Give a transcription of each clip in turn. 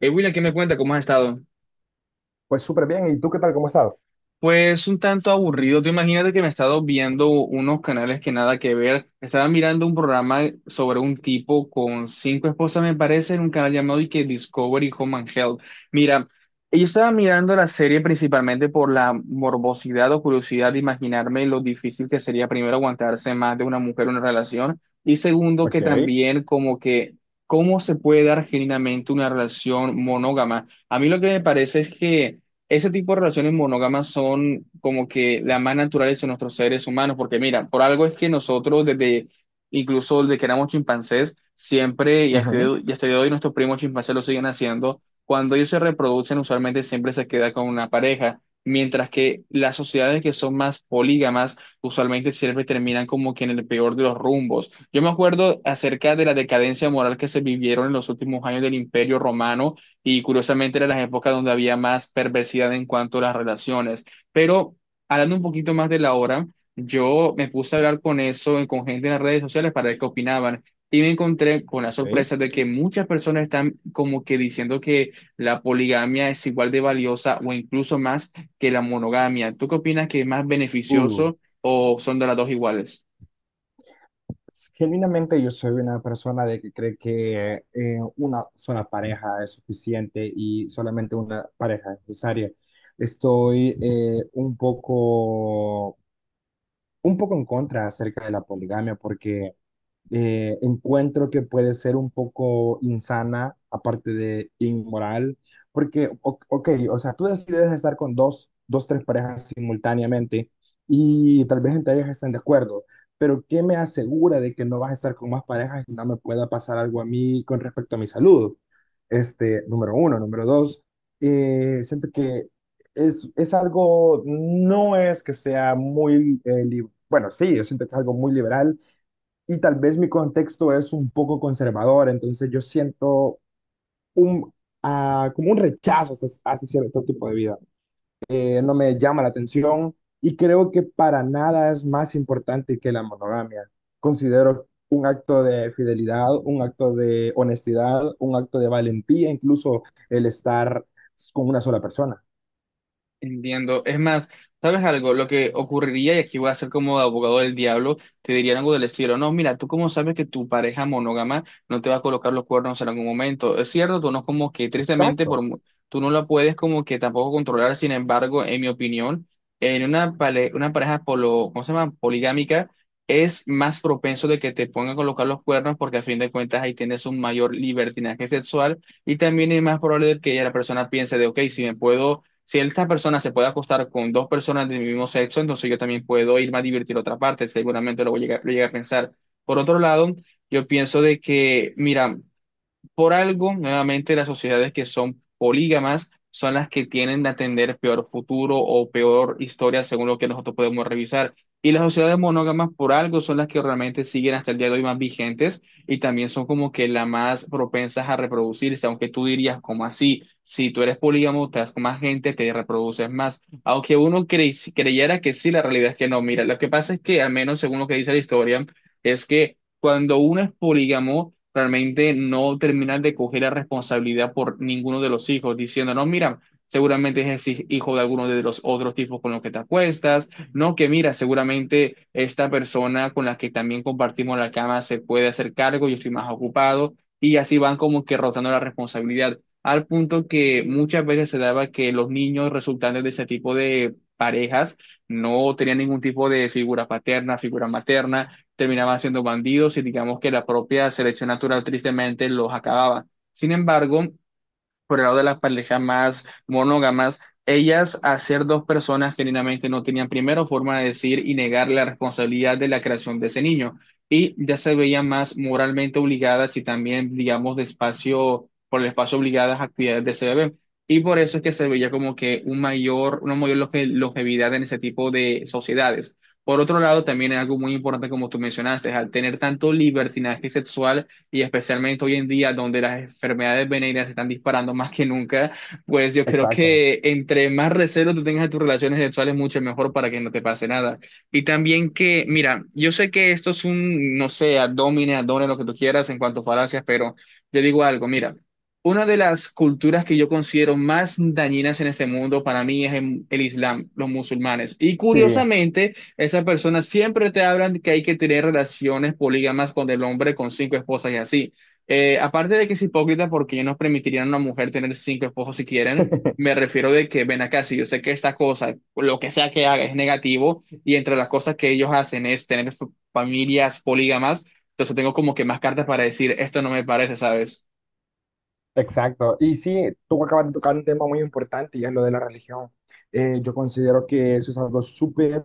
William, ¿qué me cuenta? ¿Cómo has estado? Pues súper bien. ¿Y tú qué tal? ¿Cómo has estado? Pues un tanto aburrido. Tú imagínate que me he estado viendo unos canales que nada que ver. Estaba mirando un programa sobre un tipo con cinco esposas, me parece, en un canal llamado y que Discovery Home and Health. Mira, yo estaba mirando la serie principalmente por la morbosidad o curiosidad de imaginarme lo difícil que sería primero aguantarse más de una mujer en una relación y segundo que Ok. también como que cómo se puede dar genuinamente una relación monógama. A mí lo que me parece es que ese tipo de relaciones monógamas son como que las más naturales en nuestros seres humanos, porque mira, por algo es que nosotros desde, incluso desde que éramos chimpancés, siempre, Ujú. y hasta el día de hoy nuestros primos chimpancés lo siguen haciendo, cuando ellos se reproducen usualmente siempre se queda con una pareja, mientras que las sociedades que son más polígamas usualmente siempre terminan como que en el peor de los rumbos. Yo me acuerdo acerca de la decadencia moral que se vivieron en los últimos años del Imperio Romano y curiosamente eran las épocas donde había más perversidad en cuanto a las relaciones. Pero hablando un poquito más de la hora, yo me puse a hablar con eso, con gente en las redes sociales para ver qué opinaban. Y me encontré con la Ok. sorpresa de que muchas personas están como que diciendo que la poligamia es igual de valiosa o incluso más que la monogamia. ¿Tú qué opinas que es más Uh, beneficioso o son de las dos iguales? Genuinamente yo soy una persona de que cree que una sola pareja es suficiente y solamente una pareja es necesaria. Estoy un poco en contra acerca de la poligamia porque encuentro que puede ser un poco insana, aparte de inmoral, porque, ok, o sea, tú decides estar con dos, tres parejas simultáneamente y tal vez entre ellas estén de acuerdo, pero ¿qué me asegura de que no vas a estar con más parejas y no me pueda pasar algo a mí con respecto a mi salud? Este, número uno, número dos, siento que es algo, no es que sea muy, bueno, sí, yo siento que es algo muy liberal y tal vez mi contexto es un poco conservador, entonces yo siento un, como un rechazo hacia, hacia cierto tipo de vida. No me llama la atención y creo que para nada es más importante que la monogamia. Considero un acto de fidelidad, un acto de honestidad, un acto de valentía, incluso el estar con una sola persona. Entiendo. Es más, ¿sabes algo? Lo que ocurriría, y aquí voy a ser como abogado del diablo, te dirían algo del estilo, no, mira, tú cómo sabes que tu pareja monógama no te va a colocar los cuernos en algún momento. Es cierto, tú no como que tristemente por, Exacto, tú no la puedes como que tampoco controlar, sin embargo, en mi opinión, en una, una pareja polo, ¿cómo se llama? Poligámica, es más propenso de que te pongan a colocar los cuernos porque a fin de cuentas ahí tienes un mayor libertinaje sexual y también es más probable de que ya la persona piense de, ok, si me puedo si esta persona se puede acostar con dos personas del mismo sexo, entonces yo también puedo irme a divertir a otra parte, seguramente lo llegué a pensar. Por otro lado, yo pienso de que, mira, por algo, nuevamente, las sociedades que son polígamas son las que tienden a tener peor futuro o peor historia según lo que nosotros podemos revisar. Y las sociedades monógamas, por algo, son las que realmente siguen hasta el día de hoy más vigentes y también son como que las más propensas a reproducirse, aunque tú dirías, ¿como así? Si tú eres polígamo, te das con más gente, te reproduces más. Aunque uno creyera que sí, la realidad es que no. Mira, lo que pasa es que, al menos según lo que dice la historia, es que cuando uno es polígamo, realmente no terminan de coger la responsabilidad por ninguno de los hijos, diciendo, no, mira, seguramente es el hijo de alguno de los otros tipos con los que te acuestas, no, que mira, seguramente esta persona con la que también compartimos la cama se puede hacer cargo, yo estoy más ocupado, y así van como que rotando la responsabilidad, al punto que muchas veces se daba que los niños resultantes de ese tipo de parejas no tenían ningún tipo de figura paterna, figura materna, terminaban siendo bandidos y digamos que la propia selección natural tristemente los acababa. Sin embargo, por el lado de las parejas más monógamas, ellas a ser dos personas genuinamente no tenían primero forma de decir y negar la responsabilidad de la creación de ese niño y ya se veían más moralmente obligadas y también, digamos, de espacio, por el espacio obligadas a actividades de ese bebé. Y por eso es que se veía como que un mayor, una mayor longevidad en ese tipo de sociedades. Por otro lado, también es algo muy importante, como tú mencionaste, al tener tanto libertinaje sexual, y especialmente hoy en día donde las enfermedades venéreas se están disparando más que nunca, pues yo creo exacto. que entre más recelo tú tengas de tus relaciones sexuales, mucho mejor para que no te pase nada. Y también que, mira, yo sé que esto es un, no sé, abdomen, lo que tú quieras en cuanto a falacias, pero yo digo algo, mira. Una de las culturas que yo considero más dañinas en este mundo para mí es el Islam, los musulmanes. Y Sí. curiosamente, esas personas siempre te hablan que hay que tener relaciones polígamas con el hombre con cinco esposas y así. Aparte de que es hipócrita porque ellos no permitirían a una mujer tener cinco esposos si quieren, me refiero de que ven acá, si yo sé que esta cosa, lo que sea que haga es negativo y entre las cosas que ellos hacen es tener familias polígamas, entonces tengo como que más cartas para decir, esto no me parece, ¿sabes? Exacto. Y sí, tú acabas de tocar un tema muy importante y es lo de la religión. Yo considero que eso es algo súper,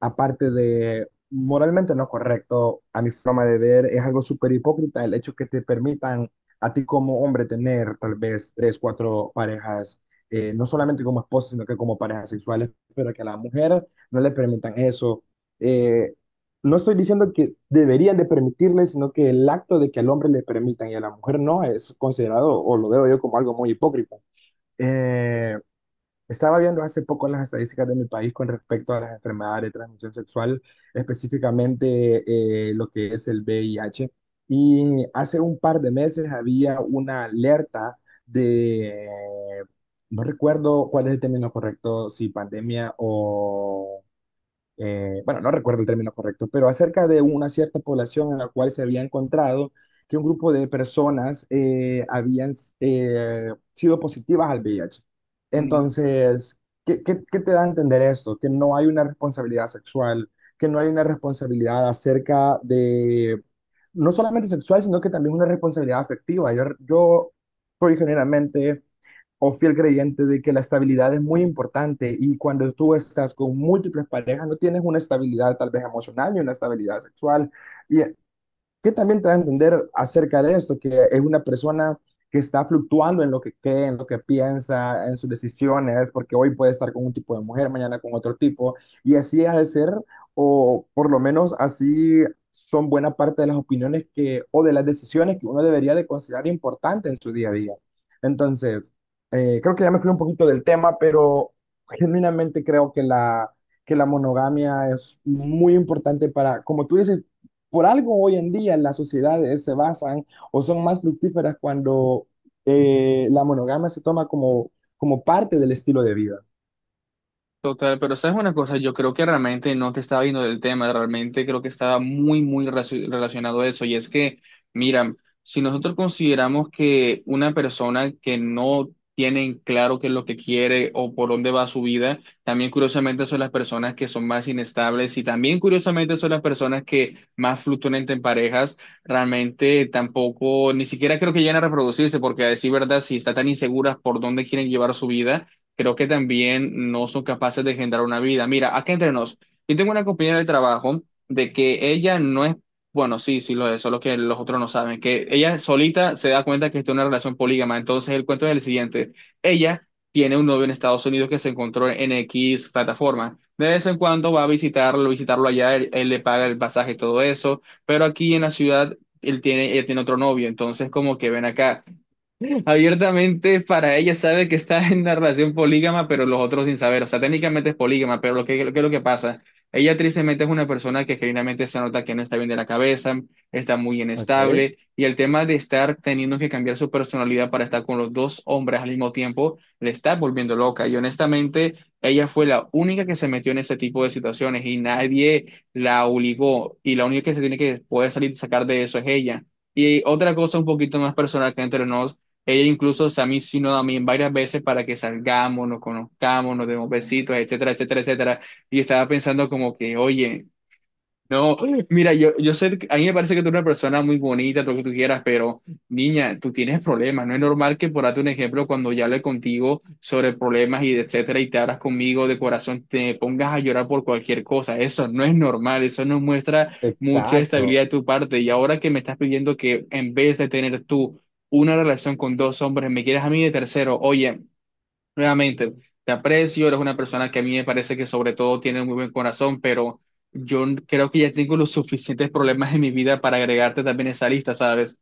aparte de moralmente no correcto, a mi forma de ver, es algo súper hipócrita el hecho que te permitan a ti como hombre tener tal vez tres, cuatro parejas, no solamente como esposa, sino que como parejas sexuales, pero que a la mujer no le permitan eso. Eh, no estoy diciendo que deberían de permitirle, sino que el acto de que al hombre le permitan y a la mujer no es considerado, o lo veo yo como algo muy hipócrita. Eh, Estaba viendo hace poco las estadísticas de mi país con respecto a las enfermedades de transmisión sexual, específicamente lo que es el VIH, y hace un par de meses había una alerta de, no recuerdo cuál es el término correcto, si pandemia o bueno, no recuerdo el término correcto, pero acerca de una cierta población en la cual se había encontrado que un grupo de personas habían sido positivas al VIH. Entonces, ¿ qué te da a entender esto? Que no hay una responsabilidad sexual, que no hay una responsabilidad acerca de, no solamente sexual, sino que también una responsabilidad afectiva. Yo, por generalmente o fiel creyente de que la estabilidad es muy importante y cuando tú estás con múltiples parejas no tienes una estabilidad tal vez emocional ni una estabilidad sexual y que también te da a entender acerca de esto, que es una persona que está fluctuando en lo que cree, en lo que piensa, en sus decisiones, porque hoy puede estar con un tipo de mujer, mañana con otro tipo, y así ha de ser, o por lo menos así son buena parte de las opiniones que, o de las decisiones que uno debería de considerar importante en su día a día. Entonces, creo que ya me fui un poquito del tema, pero genuinamente creo que que la monogamia es muy importante para, como tú dices, por algo hoy en día las sociedades se basan o son más fructíferas cuando la monogamia se toma como, como parte del estilo de vida. Total, pero sabes una cosa, yo creo que realmente no te estaba viendo del tema, realmente creo que estaba muy, muy relacionado a eso. Y es que, mira, si nosotros consideramos que una persona que no tiene en claro qué es lo que quiere o por dónde va su vida, también curiosamente son las personas que son más inestables y también curiosamente son las personas que más fluctúan en parejas, realmente tampoco, ni siquiera creo que lleguen a reproducirse, porque a decir verdad, si están tan inseguras por dónde quieren llevar su vida creo que también no son capaces de generar una vida. Mira, acá entre nos, yo tengo una compañera del trabajo de que ella no es, bueno, sí, sí lo es, solo que los otros no saben, que ella solita se da cuenta que está en una relación polígama. Entonces el cuento es el siguiente, ella tiene un novio en Estados Unidos que se encontró en X plataforma. De vez en cuando va a visitarlo, visitarlo allá, él le paga el pasaje y todo eso, pero aquí en la ciudad él tiene otro novio, entonces como que ven acá. Abiertamente para ella sabe que está en una relación polígama, pero los otros sin saber. O sea, técnicamente es polígama, pero lo que pasa, ella tristemente es una persona que genuinamente se nota que no está bien de la cabeza, está muy Ok. inestable, y el tema de estar teniendo que cambiar su personalidad para estar con los dos hombres al mismo tiempo, le está volviendo loca. Y honestamente, ella fue la única que se metió en ese tipo de situaciones y nadie la obligó, y la única que se tiene que poder salir y sacar de eso es ella. Y otra cosa un poquito más personal que entre nos, ella incluso, o sea, a mí varias veces para que salgamos, nos conozcamos, nos demos besitos, etcétera, etcétera, etcétera. Y estaba pensando como que, oye, no, mira, yo sé, que- a mí me parece que tú eres una persona muy bonita, todo lo que tú quieras, pero niña, tú tienes problemas. No es normal que, por darte un ejemplo, cuando ya hablé contigo sobre problemas y etcétera, y te abras conmigo de corazón, te pongas a llorar por cualquier cosa. Eso no es normal, eso no muestra mucha Exacto. estabilidad de tu parte. Y ahora que me estás pidiendo que en vez de tener tú una relación con dos hombres, me quieres a mí de tercero, oye. Nuevamente, te aprecio, eres una persona que a mí me parece que sobre todo tiene un muy buen corazón, pero yo creo que ya tengo los suficientes problemas en mi vida para agregarte también a esa lista, ¿sabes?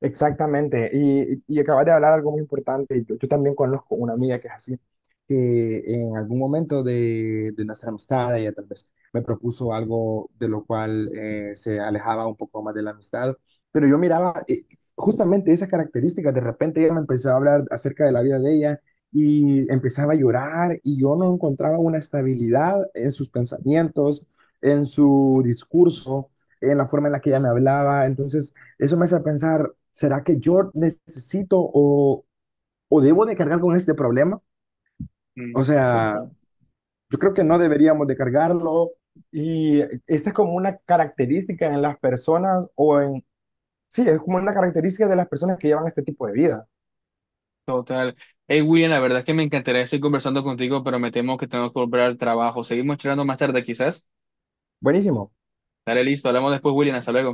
Exactamente, y acabas de hablar algo muy importante. Yo también conozco una amiga que es así, que en algún momento de nuestra amistad, ella tal vez me propuso algo de lo cual se alejaba un poco más de la amistad, pero yo miraba justamente esas características. De repente ella me empezaba a hablar acerca de la vida de ella y empezaba a llorar, y yo no encontraba una estabilidad en sus pensamientos, en su discurso en la forma en la que ella me hablaba. Entonces, eso me hace pensar, ¿será que yo necesito o debo de cargar con este problema? O Mm, sea, total. yo creo que no deberíamos de cargarlo. Y esta es como una característica en las personas o en... Sí, es como una característica de las personas que llevan este tipo de vida. Total. Hey, William, la verdad es que me encantaría seguir conversando contigo, pero me temo que tengo que volver al trabajo. Seguimos charlando más tarde, quizás. Buenísimo. Dale, listo. Hablamos después, William. Hasta luego.